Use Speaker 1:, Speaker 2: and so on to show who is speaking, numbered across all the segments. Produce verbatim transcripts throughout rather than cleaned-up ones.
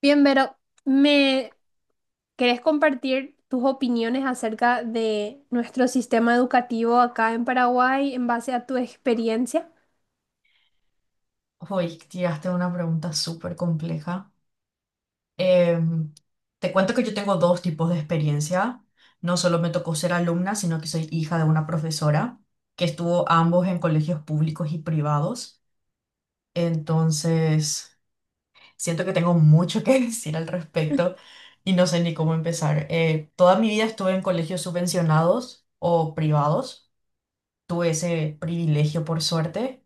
Speaker 1: Bien, Vero, ¿me querés compartir tus opiniones acerca de nuestro sistema educativo acá en Paraguay en base a tu experiencia?
Speaker 2: Hoy tiraste una pregunta súper compleja. Em, Te cuento que yo tengo dos tipos de experiencia. No solo me tocó ser alumna, sino que soy hija de una profesora que estuvo ambos en colegios públicos y privados. Entonces, siento que tengo mucho que decir al respecto y no sé ni cómo empezar. Eh, toda mi vida estuve en colegios subvencionados o privados. Tuve ese privilegio por suerte.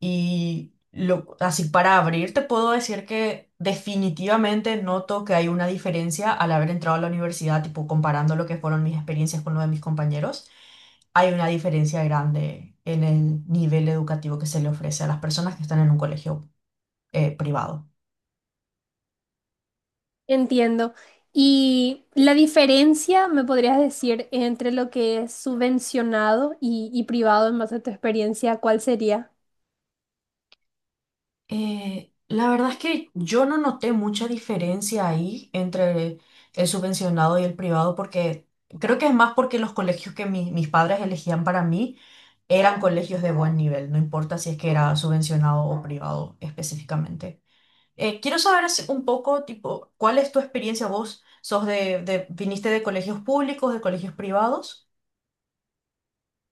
Speaker 2: Y lo, así para abrir, te puedo decir que definitivamente noto que hay una diferencia al haber entrado a la universidad, tipo comparando lo que fueron mis experiencias con lo de mis compañeros. Hay una diferencia grande en el nivel educativo que se le ofrece a las personas que están en un colegio eh, privado.
Speaker 1: Entiendo. Y la diferencia, me podrías decir, entre lo que es subvencionado y, y privado en base a tu experiencia, ¿cuál sería?
Speaker 2: Eh, la verdad es que yo no noté mucha diferencia ahí entre el subvencionado y el privado, porque creo que es más porque los colegios que mi- mis padres elegían para mí eran colegios de buen nivel, no importa si es que era subvencionado o privado específicamente. Eh, quiero saber así un poco, tipo, ¿cuál es tu experiencia? ¿Vos sos de, de- viniste de colegios públicos, de colegios privados?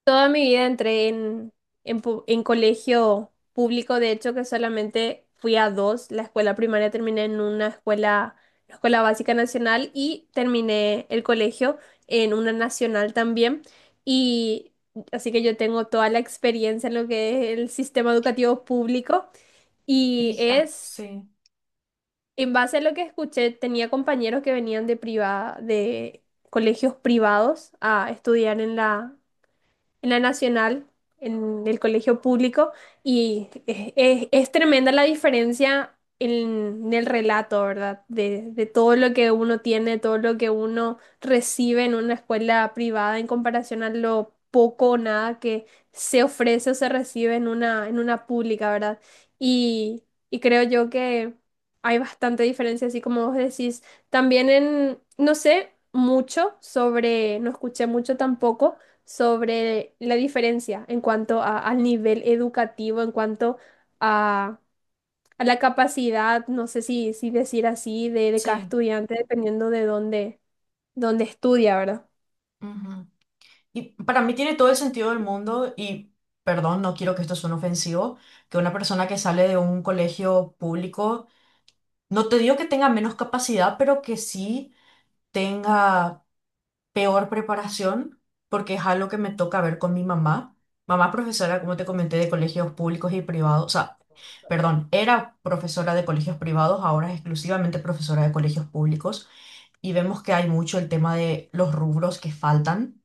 Speaker 1: Toda mi vida entré en, en, pu- en colegio público, de hecho que solamente fui a dos. La escuela primaria terminé en una escuela, la Escuela Básica Nacional, y terminé el colegio en una nacional también. Y así que yo tengo toda la experiencia en lo que es el sistema educativo público. Y
Speaker 2: Y, ah,
Speaker 1: es,
Speaker 2: sí,
Speaker 1: en base a lo que escuché, tenía compañeros que venían de privada, de colegios privados a estudiar en la en la nacional, en el colegio público, y es, es- es tremenda la diferencia en, en el relato, ¿verdad? De, de todo lo que uno tiene, todo lo que uno recibe en una escuela privada en comparación a lo poco o nada que se ofrece o se recibe en una, en una, pública, ¿verdad? Y, y creo yo que hay bastante diferencia, así como vos decís. También en, no sé mucho sobre, no escuché mucho tampoco sobre la diferencia en cuanto a- al nivel educativo, en cuanto a, a la capacidad, no sé si, si decir así, de, de cada
Speaker 2: sí.
Speaker 1: estudiante, dependiendo de dónde, dónde estudia, ¿verdad?
Speaker 2: Y para mí tiene todo el sentido del mundo y, perdón, no quiero que esto suene ofensivo, que una persona que sale de un colegio público, no te digo que tenga menos capacidad, pero que sí tenga peor preparación, porque es algo que me toca ver con mi mamá. Mamá es profesora, como te comenté, de colegios públicos y privados, o sea, perdón, era profesora de colegios privados, ahora es exclusivamente profesora de colegios públicos y vemos que hay mucho el tema de los rubros que faltan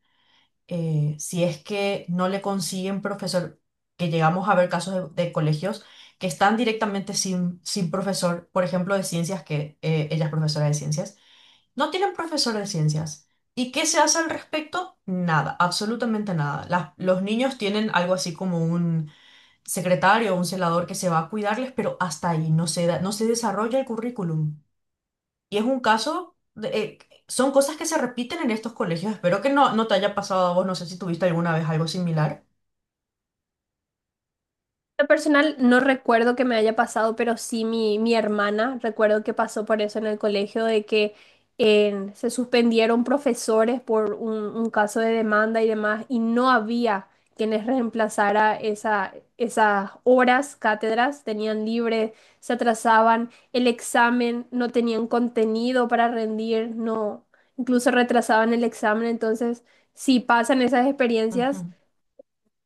Speaker 2: eh, si es que no le consiguen profesor, que llegamos a ver casos de, de colegios que están directamente sin, sin profesor, por ejemplo, de ciencias, que eh, ella es profesora de ciencias, no tienen profesor de ciencias. ¿Y qué se hace al respecto? Nada, absolutamente nada. Las- los niños tienen algo así como un secretario o un celador que se va a cuidarles, pero hasta ahí no se da- no se desarrolla el currículum. Y es un caso, de- eh, son cosas que se repiten en estos colegios. Espero que no, no te haya pasado a vos, no sé si tuviste alguna vez algo similar.
Speaker 1: Lo personal no recuerdo que me haya pasado, pero sí mi, mi hermana recuerdo que pasó por eso en el colegio, de que eh, se suspendieron profesores por un, un caso de demanda y demás, y no había quienes reemplazara esa, esas horas, cátedras, tenían libre, se atrasaban, el examen, no tenían contenido para rendir, no, incluso retrasaban el examen. Entonces si pasan esas
Speaker 2: Ujú,
Speaker 1: experiencias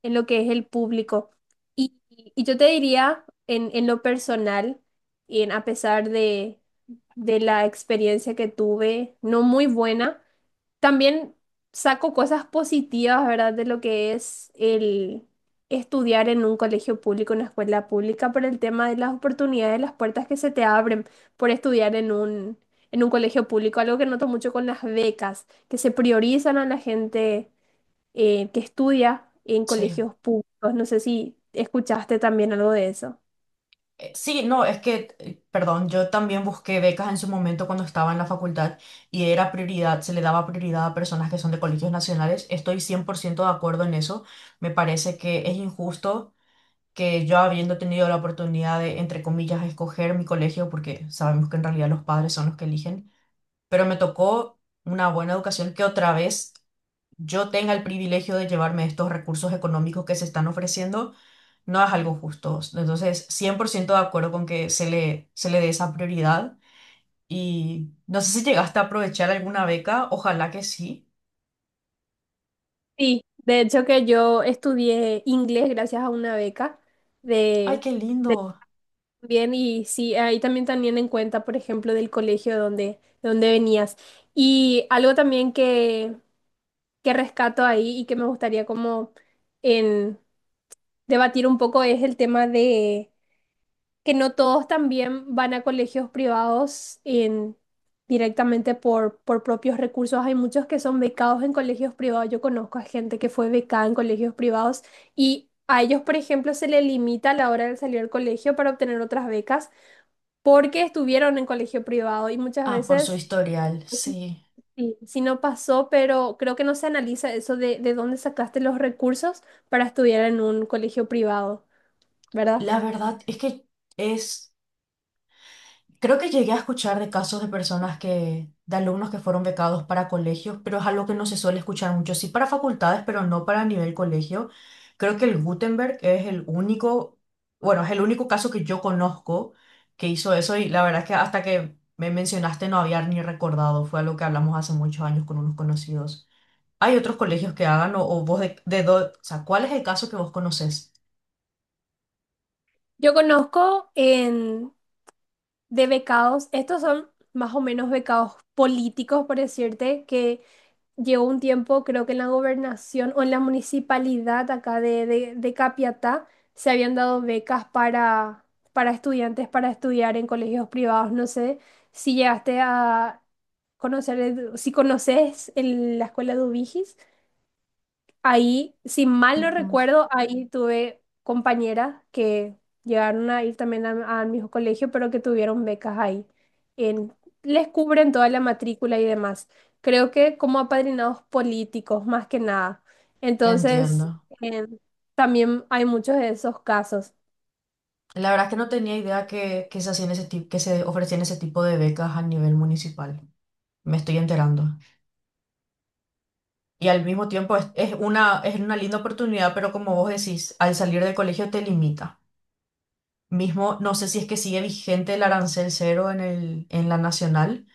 Speaker 1: en lo que es el público. Y, y yo te diría, en, en lo personal, y en, a pesar de, de la experiencia que tuve, no muy buena, también saco cosas positivas, ¿verdad? De lo que es el estudiar en un colegio público, en una escuela pública, por el tema de las oportunidades, las puertas que se te abren por estudiar en un, en un colegio público, algo que noto mucho con las becas, que se priorizan a la gente eh, que estudia en
Speaker 2: sí.
Speaker 1: colegios públicos. No sé si escuchaste también algo de eso.
Speaker 2: Eh, Sí, no, es que, eh, perdón, yo también busqué becas en su momento cuando estaba en la facultad y era prioridad, se le daba prioridad a personas que son de colegios nacionales. Estoy cien por ciento de acuerdo en eso. Me parece que es injusto que yo habiendo tenido la oportunidad de, entre comillas, escoger mi colegio, porque sabemos que en realidad los padres son los que eligen, pero me tocó una buena educación que otra vez yo tenga el privilegio de llevarme estos recursos económicos que se están ofreciendo, no es algo justo. Entonces, cien por ciento de acuerdo con que se le, se le dé esa prioridad. Y no sé si llegaste a aprovechar alguna beca, ojalá que sí.
Speaker 1: Sí, de hecho que yo estudié inglés gracias a una beca
Speaker 2: Ay, qué
Speaker 1: de, de
Speaker 2: lindo.
Speaker 1: también. Y sí, ahí también también en cuenta, por ejemplo, del colegio donde, donde venías. Y algo también que, que rescato ahí y que me gustaría como en debatir un poco es el tema de que no todos también van a colegios privados en- directamente por, por propios recursos. Hay muchos que son becados en colegios privados. Yo conozco a gente que fue becada en colegios privados y a ellos, por ejemplo, se les limita a la hora de salir del colegio para obtener otras becas porque estuvieron en colegio privado y muchas
Speaker 2: Ah, por su
Speaker 1: veces.
Speaker 2: historial,
Speaker 1: Pues sí,
Speaker 2: sí.
Speaker 1: sí, sí, no pasó, pero creo que no se analiza eso de, de, dónde sacaste los recursos para estudiar en un colegio privado, ¿verdad?
Speaker 2: La verdad es que es creo que llegué a escuchar de casos de personas que, de alumnos que fueron becados para colegios, pero es algo que no se suele escuchar mucho. Sí para facultades, pero no para nivel colegio. Creo que el Gutenberg es el único, bueno, es el único caso que yo conozco que hizo eso y la verdad es que hasta que me mencionaste no había ni recordado. Fue algo que hablamos hace muchos años con unos conocidos. ¿Hay otros colegios que hagan o, o vos de, de dó- o sea, cuál es el caso que vos conocés?
Speaker 1: Yo conozco en de becados. Estos son más o menos becados políticos, por decirte, que llegó un tiempo, creo que en la gobernación o en la municipalidad acá de, de, de Capiatá, se habían dado becas para, para estudiantes para estudiar en colegios privados. No sé si llegaste a conocer, Edu- si conoces el- la escuela de Ubigis. Ahí, si mal no
Speaker 2: Ujú.
Speaker 1: recuerdo, ahí tuve compañeras que llegaron a ir también a- al mismo colegio, pero que tuvieron becas ahí. En, Les cubren toda la matrícula y demás. Creo que como apadrinados políticos, más que nada. Entonces,
Speaker 2: Entiendo.
Speaker 1: em, también hay muchos de esos casos.
Speaker 2: La verdad es que no tenía idea que, que se hacían ese tipo, que se ofrecían ese tipo de becas a nivel municipal. Me estoy enterando. Y al mismo tiempo es, es una, es una linda oportunidad, pero como vos decís, al salir del colegio te limita. Mismo, no sé si es que sigue vigente el arancel cero en el, en la nacional,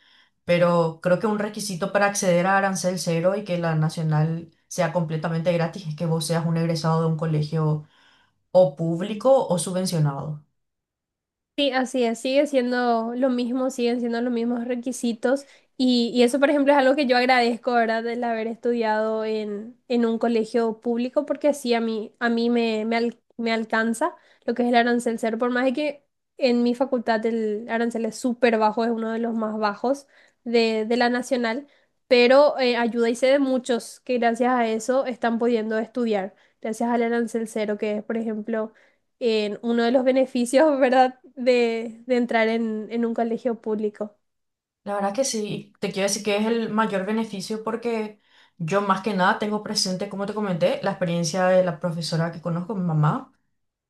Speaker 2: pero creo que un requisito para acceder a arancel cero y que la nacional sea completamente gratis es que vos seas un egresado de un colegio o público o subvencionado.
Speaker 1: Sí, así es, sigue siendo lo mismo, siguen siendo los mismos requisitos y, y eso, por ejemplo, es algo que yo agradezco, ¿verdad?, del haber estudiado en, en, un colegio público porque así a mí, a mí me, me, al- me alcanza lo que es el arancel cero, por más de que en mi facultad el arancel es súper bajo, es uno de los más bajos de, de, la nacional, pero eh, ayuda y sé de muchos que gracias a eso están pudiendo estudiar, gracias al arancel cero, que es, por ejemplo, en uno de los beneficios, ¿verdad?, de, de entrar en, en, un colegio público.
Speaker 2: La verdad que sí, te quiero decir que es el mayor beneficio porque yo más que nada tengo presente, como te comenté, la experiencia de la profesora que conozco, mi mamá,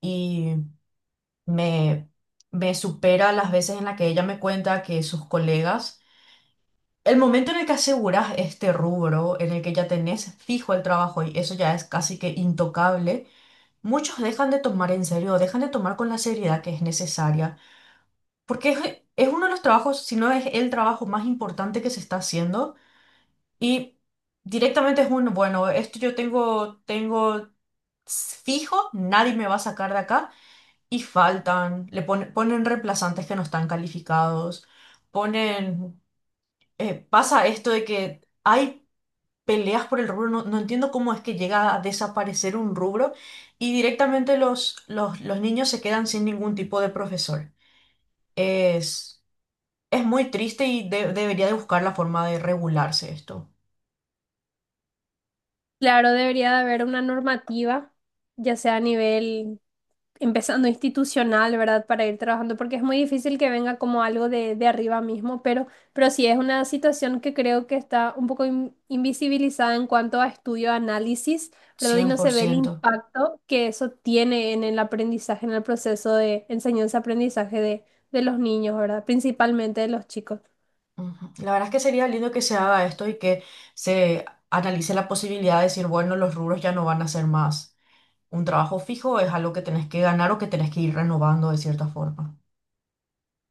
Speaker 2: y me, me supera las veces en las que ella me cuenta que sus colegas, el momento en el que aseguras este rubro, en el que ya tenés fijo el trabajo y eso ya es casi que intocable, muchos dejan de tomar en serio, dejan de tomar con la seriedad que es necesaria, porque es, es uno de los trabajos, si no es el trabajo más importante que se está haciendo. Y directamente es un, bueno, esto yo tengo, tengo, fijo, nadie me va a sacar de acá. Y faltan, le pone- ponen reemplazantes que no están calificados, ponen, eh, pasa esto de que hay peleas por el rubro, no, no entiendo cómo es que llega a desaparecer un rubro y directamente los, los, los niños se quedan sin ningún tipo de profesor. Es, es muy triste y de- debería de buscar la forma de regularse esto,
Speaker 1: Claro, debería de haber una normativa, ya sea a nivel, empezando institucional, ¿verdad?, para ir trabajando, porque es muy difícil que venga como algo de, de, arriba mismo, pero, pero sí es una situación que creo que está un poco in- invisibilizada en cuanto a estudio, análisis, ¿verdad? Y
Speaker 2: cien
Speaker 1: no
Speaker 2: por
Speaker 1: se ve el
Speaker 2: ciento
Speaker 1: impacto que eso tiene en el aprendizaje, en el proceso de enseñanza-aprendizaje de, de los niños, ¿verdad? Principalmente de los chicos.
Speaker 2: Ujú. La verdad es que sería lindo que se haga esto y que se analice la posibilidad de decir, bueno, los rubros ya no van a ser más un trabajo fijo, es algo que tenés que ganar o que tenés que ir renovando de cierta forma.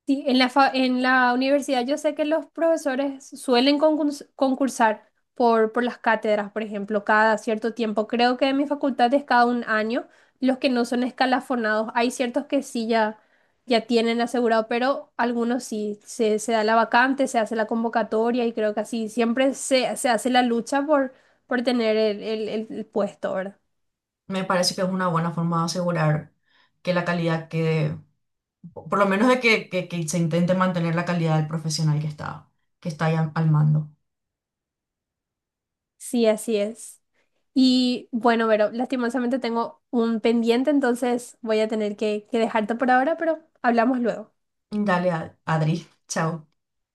Speaker 1: Sí, en la, fa- en la universidad yo sé que los profesores suelen concurs- concursar por, por, las cátedras, por ejemplo, cada cierto tiempo. Creo que en mi facultad es cada un año. Los que no son escalafonados, hay ciertos que sí ya, ya tienen asegurado, pero algunos sí, se, se da la vacante, se hace la convocatoria y creo que así siempre se, se hace la lucha por, por, tener el, el- el puesto, ¿verdad?
Speaker 2: Me parece que es una buena forma de asegurar que la calidad quede, por lo menos de que, que- que se intente mantener la calidad del profesional que está, que está ahí al al mando.
Speaker 1: Sí, así es. Y bueno, Vero, lastimosamente tengo un pendiente, entonces voy a tener que, que dejarte por ahora, pero hablamos luego.
Speaker 2: Dale, Ad- Adri, chao.